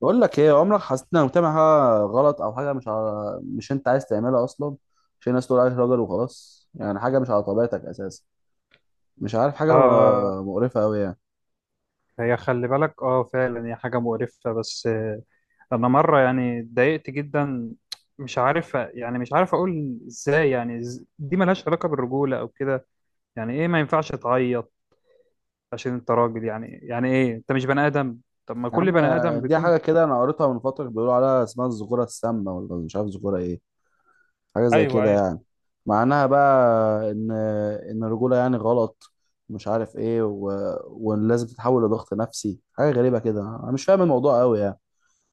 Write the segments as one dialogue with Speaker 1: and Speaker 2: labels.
Speaker 1: بقول لك ايه، عمرك حسيت انك بتعمل حاجه غلط او حاجه مش انت عايز تعملها اصلا، عشان الناس تقول عليك راجل وخلاص؟ يعني حاجه مش على طبيعتك اساسا، مش عارف، حاجه
Speaker 2: اه.
Speaker 1: مقرفه قوي يعني.
Speaker 2: هي خلي بالك، اه فعلا هي حاجة مقرفة، بس انا مرة يعني اتضايقت جدا. مش عارف، يعني مش عارف اقول ازاي، يعني دي ملهاش علاقة بالرجولة او كده. يعني ايه ما ينفعش تعيط عشان انت راجل؟ يعني ايه انت مش بني ادم؟ طب ما
Speaker 1: يا
Speaker 2: كل
Speaker 1: عم،
Speaker 2: بني ادم
Speaker 1: دي
Speaker 2: بيكون.
Speaker 1: حاجه كده انا قريتها من فتره بيقولوا عليها اسمها الذكوره السامه، ولا مش عارف ذكوره ايه، حاجه زي
Speaker 2: ايوه،
Speaker 1: كده
Speaker 2: ايوه،
Speaker 1: يعني. معناها بقى ان الرجوله يعني غلط، مش عارف ايه ولازم تتحول لضغط نفسي، حاجه غريبه كده، انا مش فاهم الموضوع قوي يعني،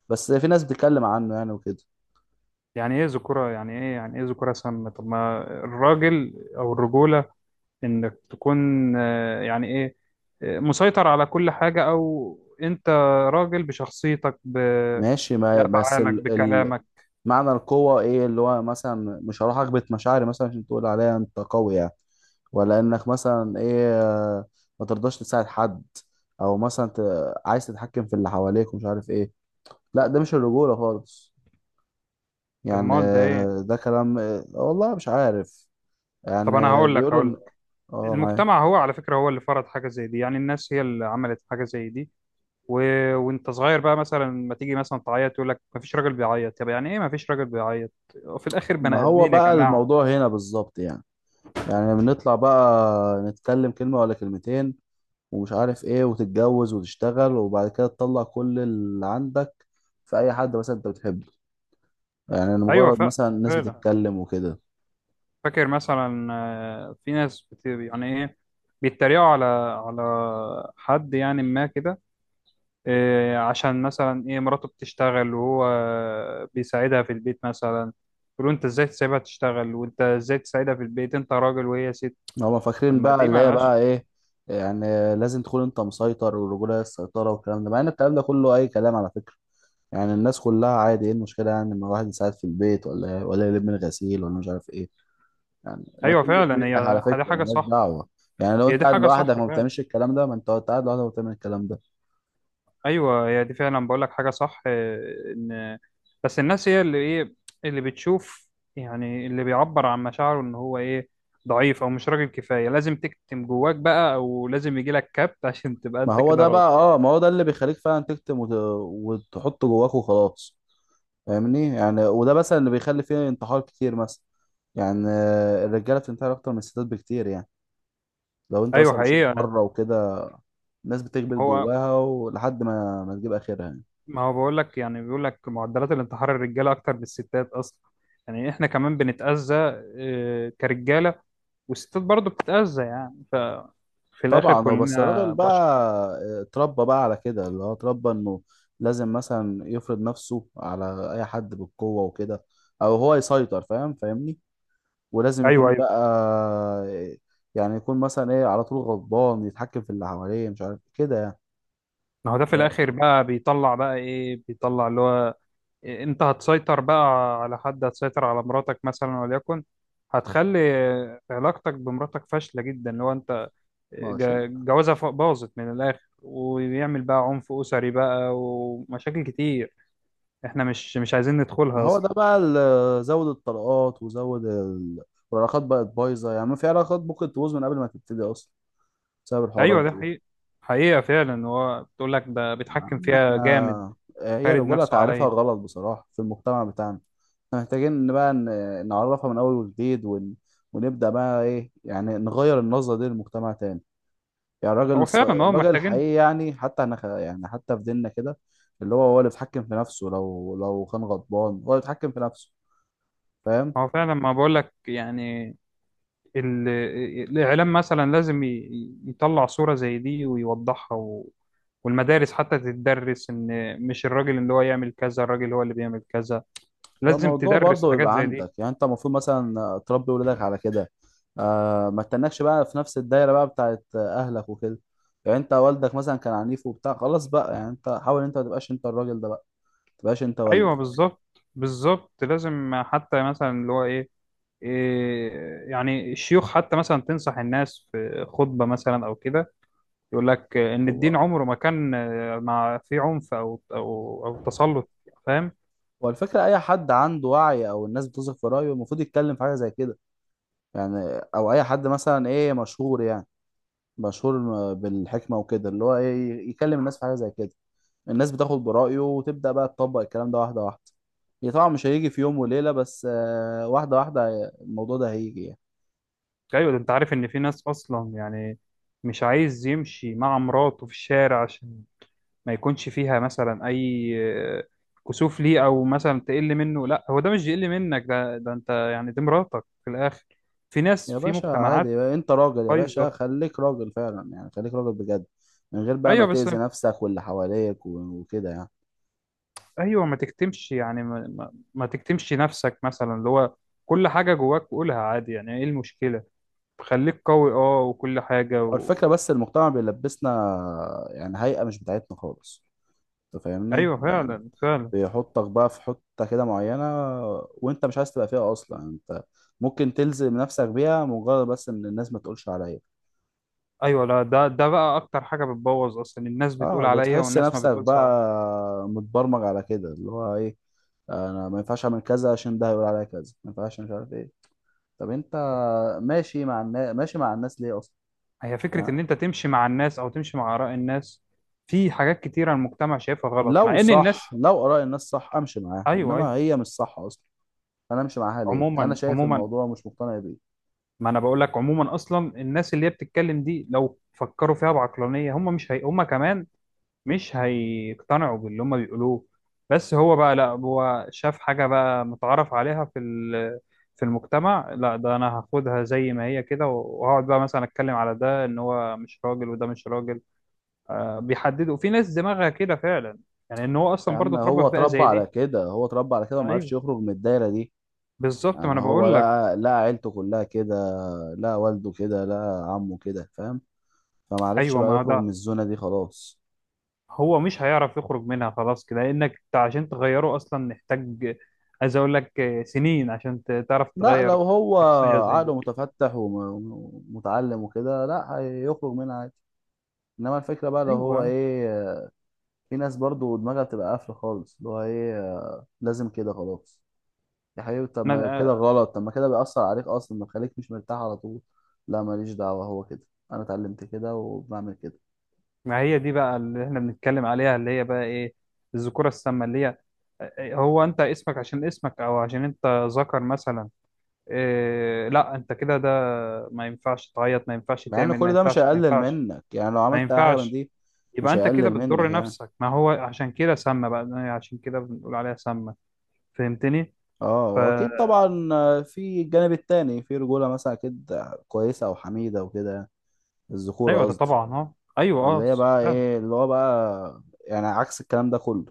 Speaker 1: بس في ناس بتتكلم عنه يعني وكده.
Speaker 2: يعني ايه ذكورة، يعني ايه، يعني ايه ذكورة سامة؟ طب ما الراجل او الرجولة، انك تكون يعني ايه، مسيطر على كل حاجة، او انت راجل بشخصيتك،
Speaker 1: ماشي، ما بس
Speaker 2: بافعالك، بكلامك.
Speaker 1: معنى القوة ايه؟ اللي هو مثلا مش هروح اكبت مشاعري مثلا عشان تقول عليا انت قوي يعني، ولا انك مثلا ايه ما ترضاش تساعد حد، او مثلا عايز تتحكم في اللي حواليك ومش عارف ايه. لا، ده مش الرجولة خالص. يعني
Speaker 2: امال ده ايه؟
Speaker 1: ده كلام، والله مش عارف.
Speaker 2: طب
Speaker 1: يعني
Speaker 2: انا هقول لك
Speaker 1: بيقولوا
Speaker 2: هقول لك
Speaker 1: اه، معايا.
Speaker 2: المجتمع هو، على فكرة، هو اللي فرض حاجة زي دي، يعني الناس هي اللي عملت حاجة زي دي. و... وانت صغير بقى، مثلا ما تيجي مثلا تعيط، يقول لك ما فيش راجل بيعيط. طب يعني ايه ما فيش راجل بيعيط؟ وفي الاخر
Speaker 1: ما
Speaker 2: بني
Speaker 1: هو
Speaker 2: ادمين يا
Speaker 1: بقى
Speaker 2: جماعة.
Speaker 1: الموضوع هنا بالظبط يعني، يعني بنطلع بقى نتكلم كلمة ولا كلمتين ومش عارف ايه، وتتجوز وتشتغل وبعد كده تطلع كل اللي عندك في اي حد مثلا انت بتحبه، يعني أنا
Speaker 2: ايوه،
Speaker 1: مجرد، مثلا الناس
Speaker 2: فعلا.
Speaker 1: بتتكلم وكده.
Speaker 2: فاكر مثلا في ناس يعني ايه، بيتريقوا على حد يعني، ما كده، إيه، عشان مثلا ايه مراته بتشتغل وهو بيساعدها في البيت مثلا، يقولوا انت ازاي تسيبها تشتغل؟ وانت ازاي تساعدها في البيت؟ انت راجل وهي ست.
Speaker 1: هما
Speaker 2: طب
Speaker 1: فاكرين
Speaker 2: ما
Speaker 1: بقى
Speaker 2: دي
Speaker 1: اللي هي
Speaker 2: مالهاش.
Speaker 1: بقى ايه يعني؟ لازم تكون انت مسيطر، والرجوله هي السيطره والكلام ده، مع ان الكلام ده كله اي كلام على فكره. يعني الناس كلها عادي، ايه المشكله يعني ان الواحد يساعد في البيت ولا إيه؟ ولا يلم الغسيل ولا مش عارف ايه، يعني ما
Speaker 2: ايوه
Speaker 1: تقلش
Speaker 2: فعلا،
Speaker 1: منك
Speaker 2: هي
Speaker 1: على
Speaker 2: دي
Speaker 1: فكره،
Speaker 2: حاجه
Speaker 1: ملهاش
Speaker 2: صح.
Speaker 1: دعوه. يعني لو
Speaker 2: هي
Speaker 1: انت
Speaker 2: دي
Speaker 1: قاعد
Speaker 2: حاجه صح
Speaker 1: لوحدك ما
Speaker 2: فعلا.
Speaker 1: بتعملش الكلام ده، ما انت قاعد لوحدك ما بتعمل الكلام ده.
Speaker 2: ايوه، هي دي فعلا، بقول لك حاجه صح، آه، ان بس الناس هي اللي ايه، اللي بتشوف يعني، اللي بيعبر عن مشاعره ان هو ايه، ضعيف او مش راجل كفايه، لازم تكتم جواك بقى، او لازم يجي لك كبت عشان تبقى
Speaker 1: ما
Speaker 2: انت
Speaker 1: هو
Speaker 2: كده
Speaker 1: ده
Speaker 2: راجل.
Speaker 1: بقى، اه ما هو ده اللي بيخليك فعلا تكتم وتحط جواك وخلاص، فاهمني يعني. وده مثلا اللي بيخلي فيه انتحار كتير مثلا، يعني الرجاله بتنتحر اكتر من الستات بكتير يعني. لو انت
Speaker 2: ايوه
Speaker 1: مثلا بتشوف
Speaker 2: حقيقه.
Speaker 1: بره وكده، الناس بتكبر
Speaker 2: هو،
Speaker 1: جواها ولحد ما تجيب اخرها يعني.
Speaker 2: ما هو بقول لك، يعني بيقول لك معدلات الانتحار الرجاله اكتر من الستات اصلا، يعني احنا كمان بنتاذى كرجاله، والستات برضه بتتاذى، يعني ففي الاخر
Speaker 1: طبعا، هو بس
Speaker 2: كلنا
Speaker 1: الراجل بقى
Speaker 2: بشر.
Speaker 1: اتربى بقى على كده، اللي هو اتربى انه لازم مثلا يفرض نفسه على اي حد بالقوه وكده، او هو يسيطر، فاهم فاهمني، ولازم
Speaker 2: ايوه،
Speaker 1: يكون
Speaker 2: أيوة.
Speaker 1: بقى، يعني يكون مثلا ايه على طول غضبان يتحكم في اللي حواليه مش عارف كده يعني.
Speaker 2: ما هو ده في الاخر بقى بيطلع، بقى ايه بيطلع، اللي هو إيه، انت هتسيطر بقى على حد، هتسيطر على مراتك مثلا وليكن، هتخلي علاقتك بمراتك فاشلة جدا، اللي هو انت
Speaker 1: ما هو شيء،
Speaker 2: جوازها باظت من الاخر، ويعمل بقى عنف اسري بقى ومشاكل كتير احنا مش عايزين
Speaker 1: ما
Speaker 2: ندخلها
Speaker 1: هو
Speaker 2: اصلا.
Speaker 1: ده بقى زود الطلقات وزود والعلاقات بقت بايظه، يعني ما في علاقات ممكن تبوظ من قبل ما تبتدي اصلا بسبب الحوارات
Speaker 2: ايوه ده
Speaker 1: دي.
Speaker 2: حقيقة، حقيقة فعلا، هو بتقول لك ده
Speaker 1: يا
Speaker 2: بيتحكم
Speaker 1: عم
Speaker 2: فيها
Speaker 1: احنا،
Speaker 2: جامد،
Speaker 1: هي
Speaker 2: فارد
Speaker 1: الرجوله
Speaker 2: نفسه
Speaker 1: تعريفها
Speaker 2: عليا.
Speaker 1: غلط بصراحه في المجتمع بتاعنا، احنا محتاجين ان بقى نعرفها من اول وجديد ونبدا بقى ايه يعني، نغير النظره دي للمجتمع تاني. يعني
Speaker 2: هو فعلا، ما هو
Speaker 1: الراجل
Speaker 2: محتاجين.
Speaker 1: الحقيقي يعني، حتى يعني حتى في ديننا كده، اللي هو هو اللي بيتحكم في نفسه، لو كان غضبان هو اللي بيتحكم في نفسه، فاهم.
Speaker 2: هو فعلا، ما بقول لك يعني، ال- الإعلام مثلا لازم يطلع صورة زي دي ويوضحها والمدارس حتى تدرس إن مش الراجل اللي هو يعمل كذا، الراجل هو اللي بيعمل كذا، لازم
Speaker 1: فالموضوع
Speaker 2: تدرس
Speaker 1: برضه
Speaker 2: حاجات
Speaker 1: بيبقى
Speaker 2: زي دي.
Speaker 1: عندك، يعني انت المفروض مثلا تربي ولادك على كده، ما تتنكش بقى في نفس الدايره بقى بتاعت اهلك وكده. يعني انت والدك مثلا كان عنيف وبتاع، خلاص بقى يعني، انت حاول انت ما تبقاش انت الراجل ده بقى، ما تبقاش انت
Speaker 2: أيوه
Speaker 1: والدك.
Speaker 2: بالظبط، بالظبط، لازم حتى مثلا اللي هو إيه، إيه، يعني الشيوخ حتى مثلا تنصح الناس في خطبة مثلا أو كده، يقول لك إن الدين
Speaker 1: هو
Speaker 2: عمره ما كان مع فيه عنف، أو أو تسلط. فاهم؟
Speaker 1: هو الفكره، اي حد عنده وعي او الناس بتثق في رايه المفروض يتكلم في حاجه زي كده يعني، او اي حد مثلا ايه مشهور يعني، مشهور بالحكمة وكده، اللي هو ايه، يكلم الناس في حاجة زي كده، الناس بتاخد برأيه وتبدأ بقى تطبق الكلام ده واحدة واحدة. هي طبعا مش هيجي في يوم وليلة، بس واحدة واحدة الموضوع ده هيجي يعني.
Speaker 2: ايوه، ده انت عارف ان في ناس اصلا يعني مش عايز يمشي مع مراته في الشارع، عشان ما يكونش فيها مثلا اي آه، كسوف ليه، او مثلا تقل منه. لا، هو ده مش يقل منك، ده انت يعني، دي مراتك في الاخر. في ناس،
Speaker 1: يا
Speaker 2: في
Speaker 1: باشا
Speaker 2: مجتمعات
Speaker 1: عادي، انت راجل يا باشا،
Speaker 2: بايظه.
Speaker 1: خليك راجل فعلا يعني، خليك راجل بجد من غير بقى ما
Speaker 2: ايوه بس،
Speaker 1: تأذي نفسك واللي حواليك و- وكده يعني.
Speaker 2: ايوه، ما تكتمش يعني، ما تكتمش نفسك، مثلا اللي هو كل حاجه جواك قولها، عادي، يعني ايه المشكله؟ خليك قوي، اه، وكل حاجه
Speaker 1: هو الفكرة بس، المجتمع بيلبسنا يعني هيئة مش بتاعتنا خالص، انت فاهمني
Speaker 2: ايوه
Speaker 1: يعني،
Speaker 2: فعلا، فعلا.
Speaker 1: بيحطك بقى في حتة كده معينة وانت مش عايز تبقى فيها اصلا، يعني انت ممكن تلزم نفسك بيها مجرد بس ان الناس ما تقولش عليا.
Speaker 2: ايوه، لا ده بقى اكتر حاجه بتبوظ اصلا، الناس بتقول
Speaker 1: اه،
Speaker 2: عليا
Speaker 1: بتحس
Speaker 2: والناس ما
Speaker 1: نفسك
Speaker 2: بتقولش عليا.
Speaker 1: بقى متبرمج على كده، اللي هو ايه، انا ما ينفعش اعمل كذا عشان ده هيقول عليا كذا، ما ينفعش، مش عارف ايه. طب انت ماشي مع الناس، ماشي مع الناس ليه اصلا
Speaker 2: هي فكره
Speaker 1: يعني؟
Speaker 2: ان انت تمشي مع الناس او تمشي مع اراء الناس، في حاجات كتيره المجتمع شايفها غلط
Speaker 1: لو
Speaker 2: مع ان
Speaker 1: صح،
Speaker 2: الناس.
Speaker 1: لو اراء الناس صح امشي معاها،
Speaker 2: ايوه،
Speaker 1: انما
Speaker 2: ايوه.
Speaker 1: هي مش صح اصلا، انا امشي معاها ليه، انا
Speaker 2: عموما،
Speaker 1: شايف
Speaker 2: عموما،
Speaker 1: الموضوع مش مقتنع بيه.
Speaker 2: ما انا بقول لك عموما، اصلا الناس اللي هي بتتكلم دي، لو فكروا فيها بعقلانيه، هم مش هي... هم كمان مش هيقتنعوا باللي هم بيقولوه. بس هو بقى، لا، هو شاف حاجة بقى متعارف عليها في في المجتمع، لا، ده انا هاخدها زي ما هي كده، وهقعد بقى مثلا اتكلم على ده ان هو مش راجل، وده مش راجل. بيحددوا، في ناس دماغها كده فعلا، يعني ان هو
Speaker 1: يا
Speaker 2: اصلا برضه
Speaker 1: عم
Speaker 2: اتربى
Speaker 1: هو
Speaker 2: في بيئة
Speaker 1: اتربى
Speaker 2: زي
Speaker 1: على
Speaker 2: دي.
Speaker 1: كده، هو اتربى على كده وما عرفش
Speaker 2: ايوه
Speaker 1: يخرج من الدايرة دي،
Speaker 2: بالظبط، ما
Speaker 1: يعني
Speaker 2: انا
Speaker 1: هو
Speaker 2: بقول لك.
Speaker 1: لقى لقى عيلته كلها كده، لقى والده كده، لقى عمه كده، فاهم، فما عرفش
Speaker 2: ايوه،
Speaker 1: بقى
Speaker 2: ما هو
Speaker 1: يخرج من
Speaker 2: ده.
Speaker 1: الزونة دي خلاص.
Speaker 2: هو مش هيعرف يخرج منها خلاص كده، لانك إنت عشان تغيره اصلا محتاج، عايز اقول لك سنين عشان تعرف
Speaker 1: لا،
Speaker 2: تغير
Speaker 1: لو هو
Speaker 2: شخصية زي
Speaker 1: عقله
Speaker 2: دي.
Speaker 1: متفتح ومتعلم وكده لا هيخرج منها عادي، انما الفكرة بقى لو
Speaker 2: ايوه،
Speaker 1: هو ايه، في ناس برضو دماغها بتبقى قافلة خالص، اللي هو ايه، لازم كده خلاص. يا حبيبي، طب ما كده
Speaker 2: انا
Speaker 1: غلط، طب ما كده بيأثر عليك أصلا، ما بيخليك مش مرتاح على طول. لا ماليش دعوة، هو كده، أنا اتعلمت كده وبعمل كده.
Speaker 2: ما هي دي بقى اللي احنا بنتكلم عليها، اللي هي بقى ايه، الذكوره السامه، اللي هي هو انت اسمك عشان اسمك، او عشان انت ذكر مثلا، إيه، لا انت كده، ده ما ينفعش تعيط، ما ينفعش
Speaker 1: مع إن
Speaker 2: تعمل، ما
Speaker 1: كل ده مش
Speaker 2: ينفعش، ما
Speaker 1: هيقلل
Speaker 2: ينفعش،
Speaker 1: منك يعني، لو
Speaker 2: ما
Speaker 1: عملت أي حاجة من
Speaker 2: ينفعش،
Speaker 1: دي
Speaker 2: يبقى
Speaker 1: مش
Speaker 2: انت كده
Speaker 1: هيقلل منك
Speaker 2: بتضر
Speaker 1: يعني.
Speaker 2: نفسك. ما هو عشان كده سامه بقى، يعني عشان كده بنقول عليها سامه. فهمتني؟ ف
Speaker 1: اه واكيد طبعا، في الجانب التاني في رجولة مثلا اكيد كويسة او حميدة وكده، الذكورة
Speaker 2: ايوه، ده
Speaker 1: قصدي،
Speaker 2: طبعا، اه، ايوه
Speaker 1: اللي
Speaker 2: اه،
Speaker 1: هي بقى
Speaker 2: فعلا.
Speaker 1: ايه اللي هو بقى، يعني عكس الكلام ده كله.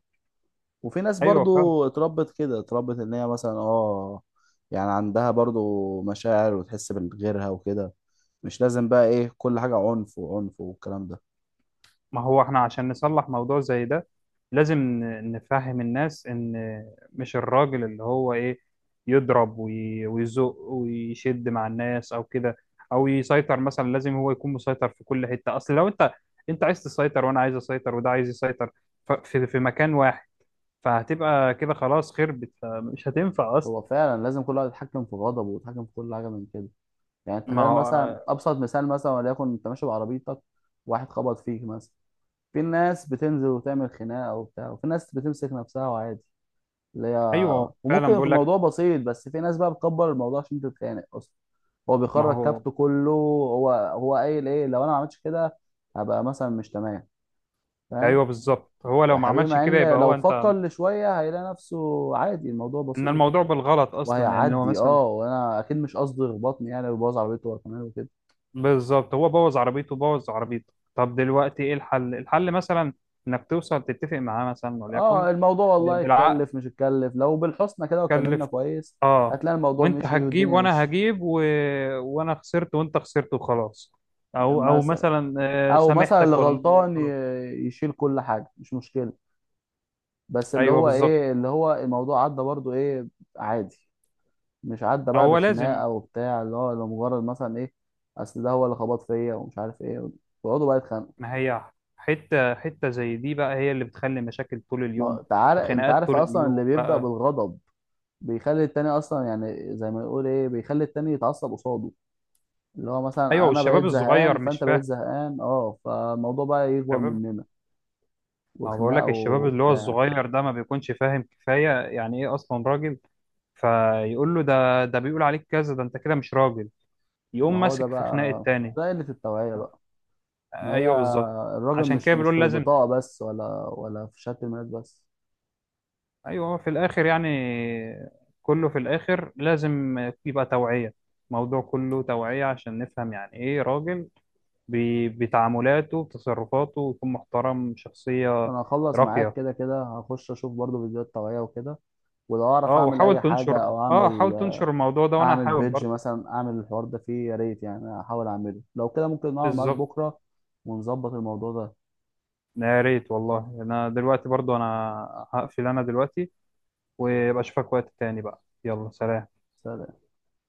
Speaker 1: وفي ناس
Speaker 2: ايوه فعلا.
Speaker 1: برضو اتربت كده، اتربت ان هي مثلا اه، يعني عندها برضو مشاعر وتحس بغيرها وكده، مش لازم بقى ايه كل حاجة عنف وعنف والكلام ده.
Speaker 2: ما هو احنا عشان نصلح موضوع زي ده، لازم نفهم الناس ان مش الراجل اللي هو ايه، يضرب ويزق ويشد مع الناس او كده، او يسيطر مثلا، لازم هو يكون مسيطر في كل حتة؟ اصل لو انت، انت عايز تسيطر، وانا عايز اسيطر، وده عايز يسيطر، في مكان واحد، فهتبقى كده خلاص خربت، مش هتنفع اصلا.
Speaker 1: هو فعلا لازم كل واحد يتحكم في غضبه ويتحكم في كل حاجة من كده. يعني
Speaker 2: ما
Speaker 1: تخيل
Speaker 2: هو
Speaker 1: مثلا ابسط مثال، مثلا وليكن انت ماشي بعربيتك، واحد خبط فيك مثلا، في ناس بتنزل وتعمل خناقة وبتاع، وفي ناس بتمسك نفسها وعادي، اللي هي،
Speaker 2: ايوه
Speaker 1: وممكن
Speaker 2: فعلا،
Speaker 1: يكون
Speaker 2: بقول لك.
Speaker 1: الموضوع بسيط، بس في ناس بقى بتكبر الموضوع عشان تتخانق اصلا، هو
Speaker 2: ما
Speaker 1: بيخرج
Speaker 2: هو،
Speaker 1: كابته كله، هو قايل ايه لو انا ما عملتش كده هبقى مثلا مش تمام، فاهم.
Speaker 2: ايوه بالظبط، هو لو
Speaker 1: يا
Speaker 2: ما
Speaker 1: حبيبي،
Speaker 2: عملش
Speaker 1: مع
Speaker 2: كده
Speaker 1: ان
Speaker 2: يبقى هو
Speaker 1: لو
Speaker 2: انت،
Speaker 1: فكر لشويه هيلاقي نفسه عادي، الموضوع
Speaker 2: ان
Speaker 1: بسيط
Speaker 2: الموضوع بالغلط اصلا، يعني هو
Speaker 1: وهيعدي،
Speaker 2: مثلا
Speaker 1: اه وانا اكيد مش قصدي يخبطني يعني ويبوظ عربيته هو كمان وكده.
Speaker 2: بالظبط، هو بوظ عربيته، بوظ عربيته، طب دلوقتي ايه الحل؟ الحل مثلا انك توصل، تتفق معاه مثلا وليكن،
Speaker 1: اه الموضوع والله
Speaker 2: بالعقد،
Speaker 1: يتكلف، مش يتكلف لو بالحسنى كده واتكلمنا
Speaker 2: تكلف،
Speaker 1: كويس
Speaker 2: اه،
Speaker 1: هتلاقي الموضوع
Speaker 2: وانت
Speaker 1: مشي
Speaker 2: هتجيب
Speaker 1: والدنيا
Speaker 2: وانا
Speaker 1: مشي.
Speaker 2: هجيب وانا خسرت وانت خسرت وخلاص، او
Speaker 1: مثلا،
Speaker 2: مثلا
Speaker 1: او مثلا اللي
Speaker 2: سامحتك
Speaker 1: غلطان
Speaker 2: وخلاص.
Speaker 1: يشيل كل حاجه مش مشكله، بس اللي
Speaker 2: ايوه
Speaker 1: هو
Speaker 2: بالظبط،
Speaker 1: ايه، اللي هو الموضوع عدى برضو ايه، عادي. مش عدى بقى
Speaker 2: هو لازم.
Speaker 1: بخناقه وبتاع، اللي هو لمجرد مثلا ايه، اصل ده هو اللي خبط فيا ومش عارف ايه، ويقعدوا بقى يتخانقوا.
Speaker 2: ما هي حته حته زي دي بقى، هي اللي بتخلي مشاكل طول اليوم
Speaker 1: ما تعال، انت
Speaker 2: وخناقات
Speaker 1: عارف
Speaker 2: طول
Speaker 1: اصلا اللي
Speaker 2: اليوم
Speaker 1: بيبدا
Speaker 2: بقى.
Speaker 1: بالغضب بيخلي التاني اصلا، يعني زي ما يقول ايه، بيخلي التاني يتعصب قصاده، اللي هو
Speaker 2: ايوه،
Speaker 1: مثلا انا بقيت
Speaker 2: والشباب
Speaker 1: زهقان
Speaker 2: الصغير
Speaker 1: فانت
Speaker 2: مش فاهم.
Speaker 1: بقيت زهقان اه، فالموضوع بقى يكبر
Speaker 2: الشباب،
Speaker 1: مننا
Speaker 2: أنا بقول
Speaker 1: وخناقه
Speaker 2: لك الشباب اللي هو
Speaker 1: وبتاع.
Speaker 2: الصغير ده ما بيكونش فاهم كفاية يعني إيه أصلا راجل، فيقول له ده بيقول عليك كذا، ده أنت كده مش راجل،
Speaker 1: ما
Speaker 2: يقوم
Speaker 1: هو ده
Speaker 2: ماسك في خناق
Speaker 1: بقى،
Speaker 2: التاني.
Speaker 1: ده قله التوعيه بقى، ما هي
Speaker 2: أيوه بالظبط،
Speaker 1: الراجل
Speaker 2: عشان
Speaker 1: مش
Speaker 2: كده
Speaker 1: مش
Speaker 2: بنقول
Speaker 1: في
Speaker 2: لازم.
Speaker 1: البطاقه بس، ولا في شكل الناس بس.
Speaker 2: أيوه، في الآخر يعني، كله في الآخر لازم يبقى توعية. الموضوع كله توعية عشان نفهم يعني إيه راجل، بتعاملاته، بتصرفاته، يكون محترم، شخصية
Speaker 1: انا هخلص معاك
Speaker 2: راقية.
Speaker 1: كده كده، هخش اشوف برضو فيديوهات طبيعية وكده، ولو اعرف
Speaker 2: أه
Speaker 1: اعمل اي
Speaker 2: وحاول
Speaker 1: حاجة
Speaker 2: تنشر،
Speaker 1: او
Speaker 2: أه
Speaker 1: اعمل،
Speaker 2: حاول تنشر الموضوع ده، وأنا
Speaker 1: اعمل
Speaker 2: هحاول
Speaker 1: بيدج
Speaker 2: برضه.
Speaker 1: مثلا اعمل الحوار ده فيه يا ريت يعني، احاول اعمله، لو كده ممكن نقعد معاك
Speaker 2: بالظبط.
Speaker 1: بكرة ونظبط الموضوع ده.
Speaker 2: يا ريت والله. انا دلوقتي برضو، انا هقفل انا دلوقتي، ويبقى اشوفك وقت تاني بقى، يلا سلام.
Speaker 1: سلام.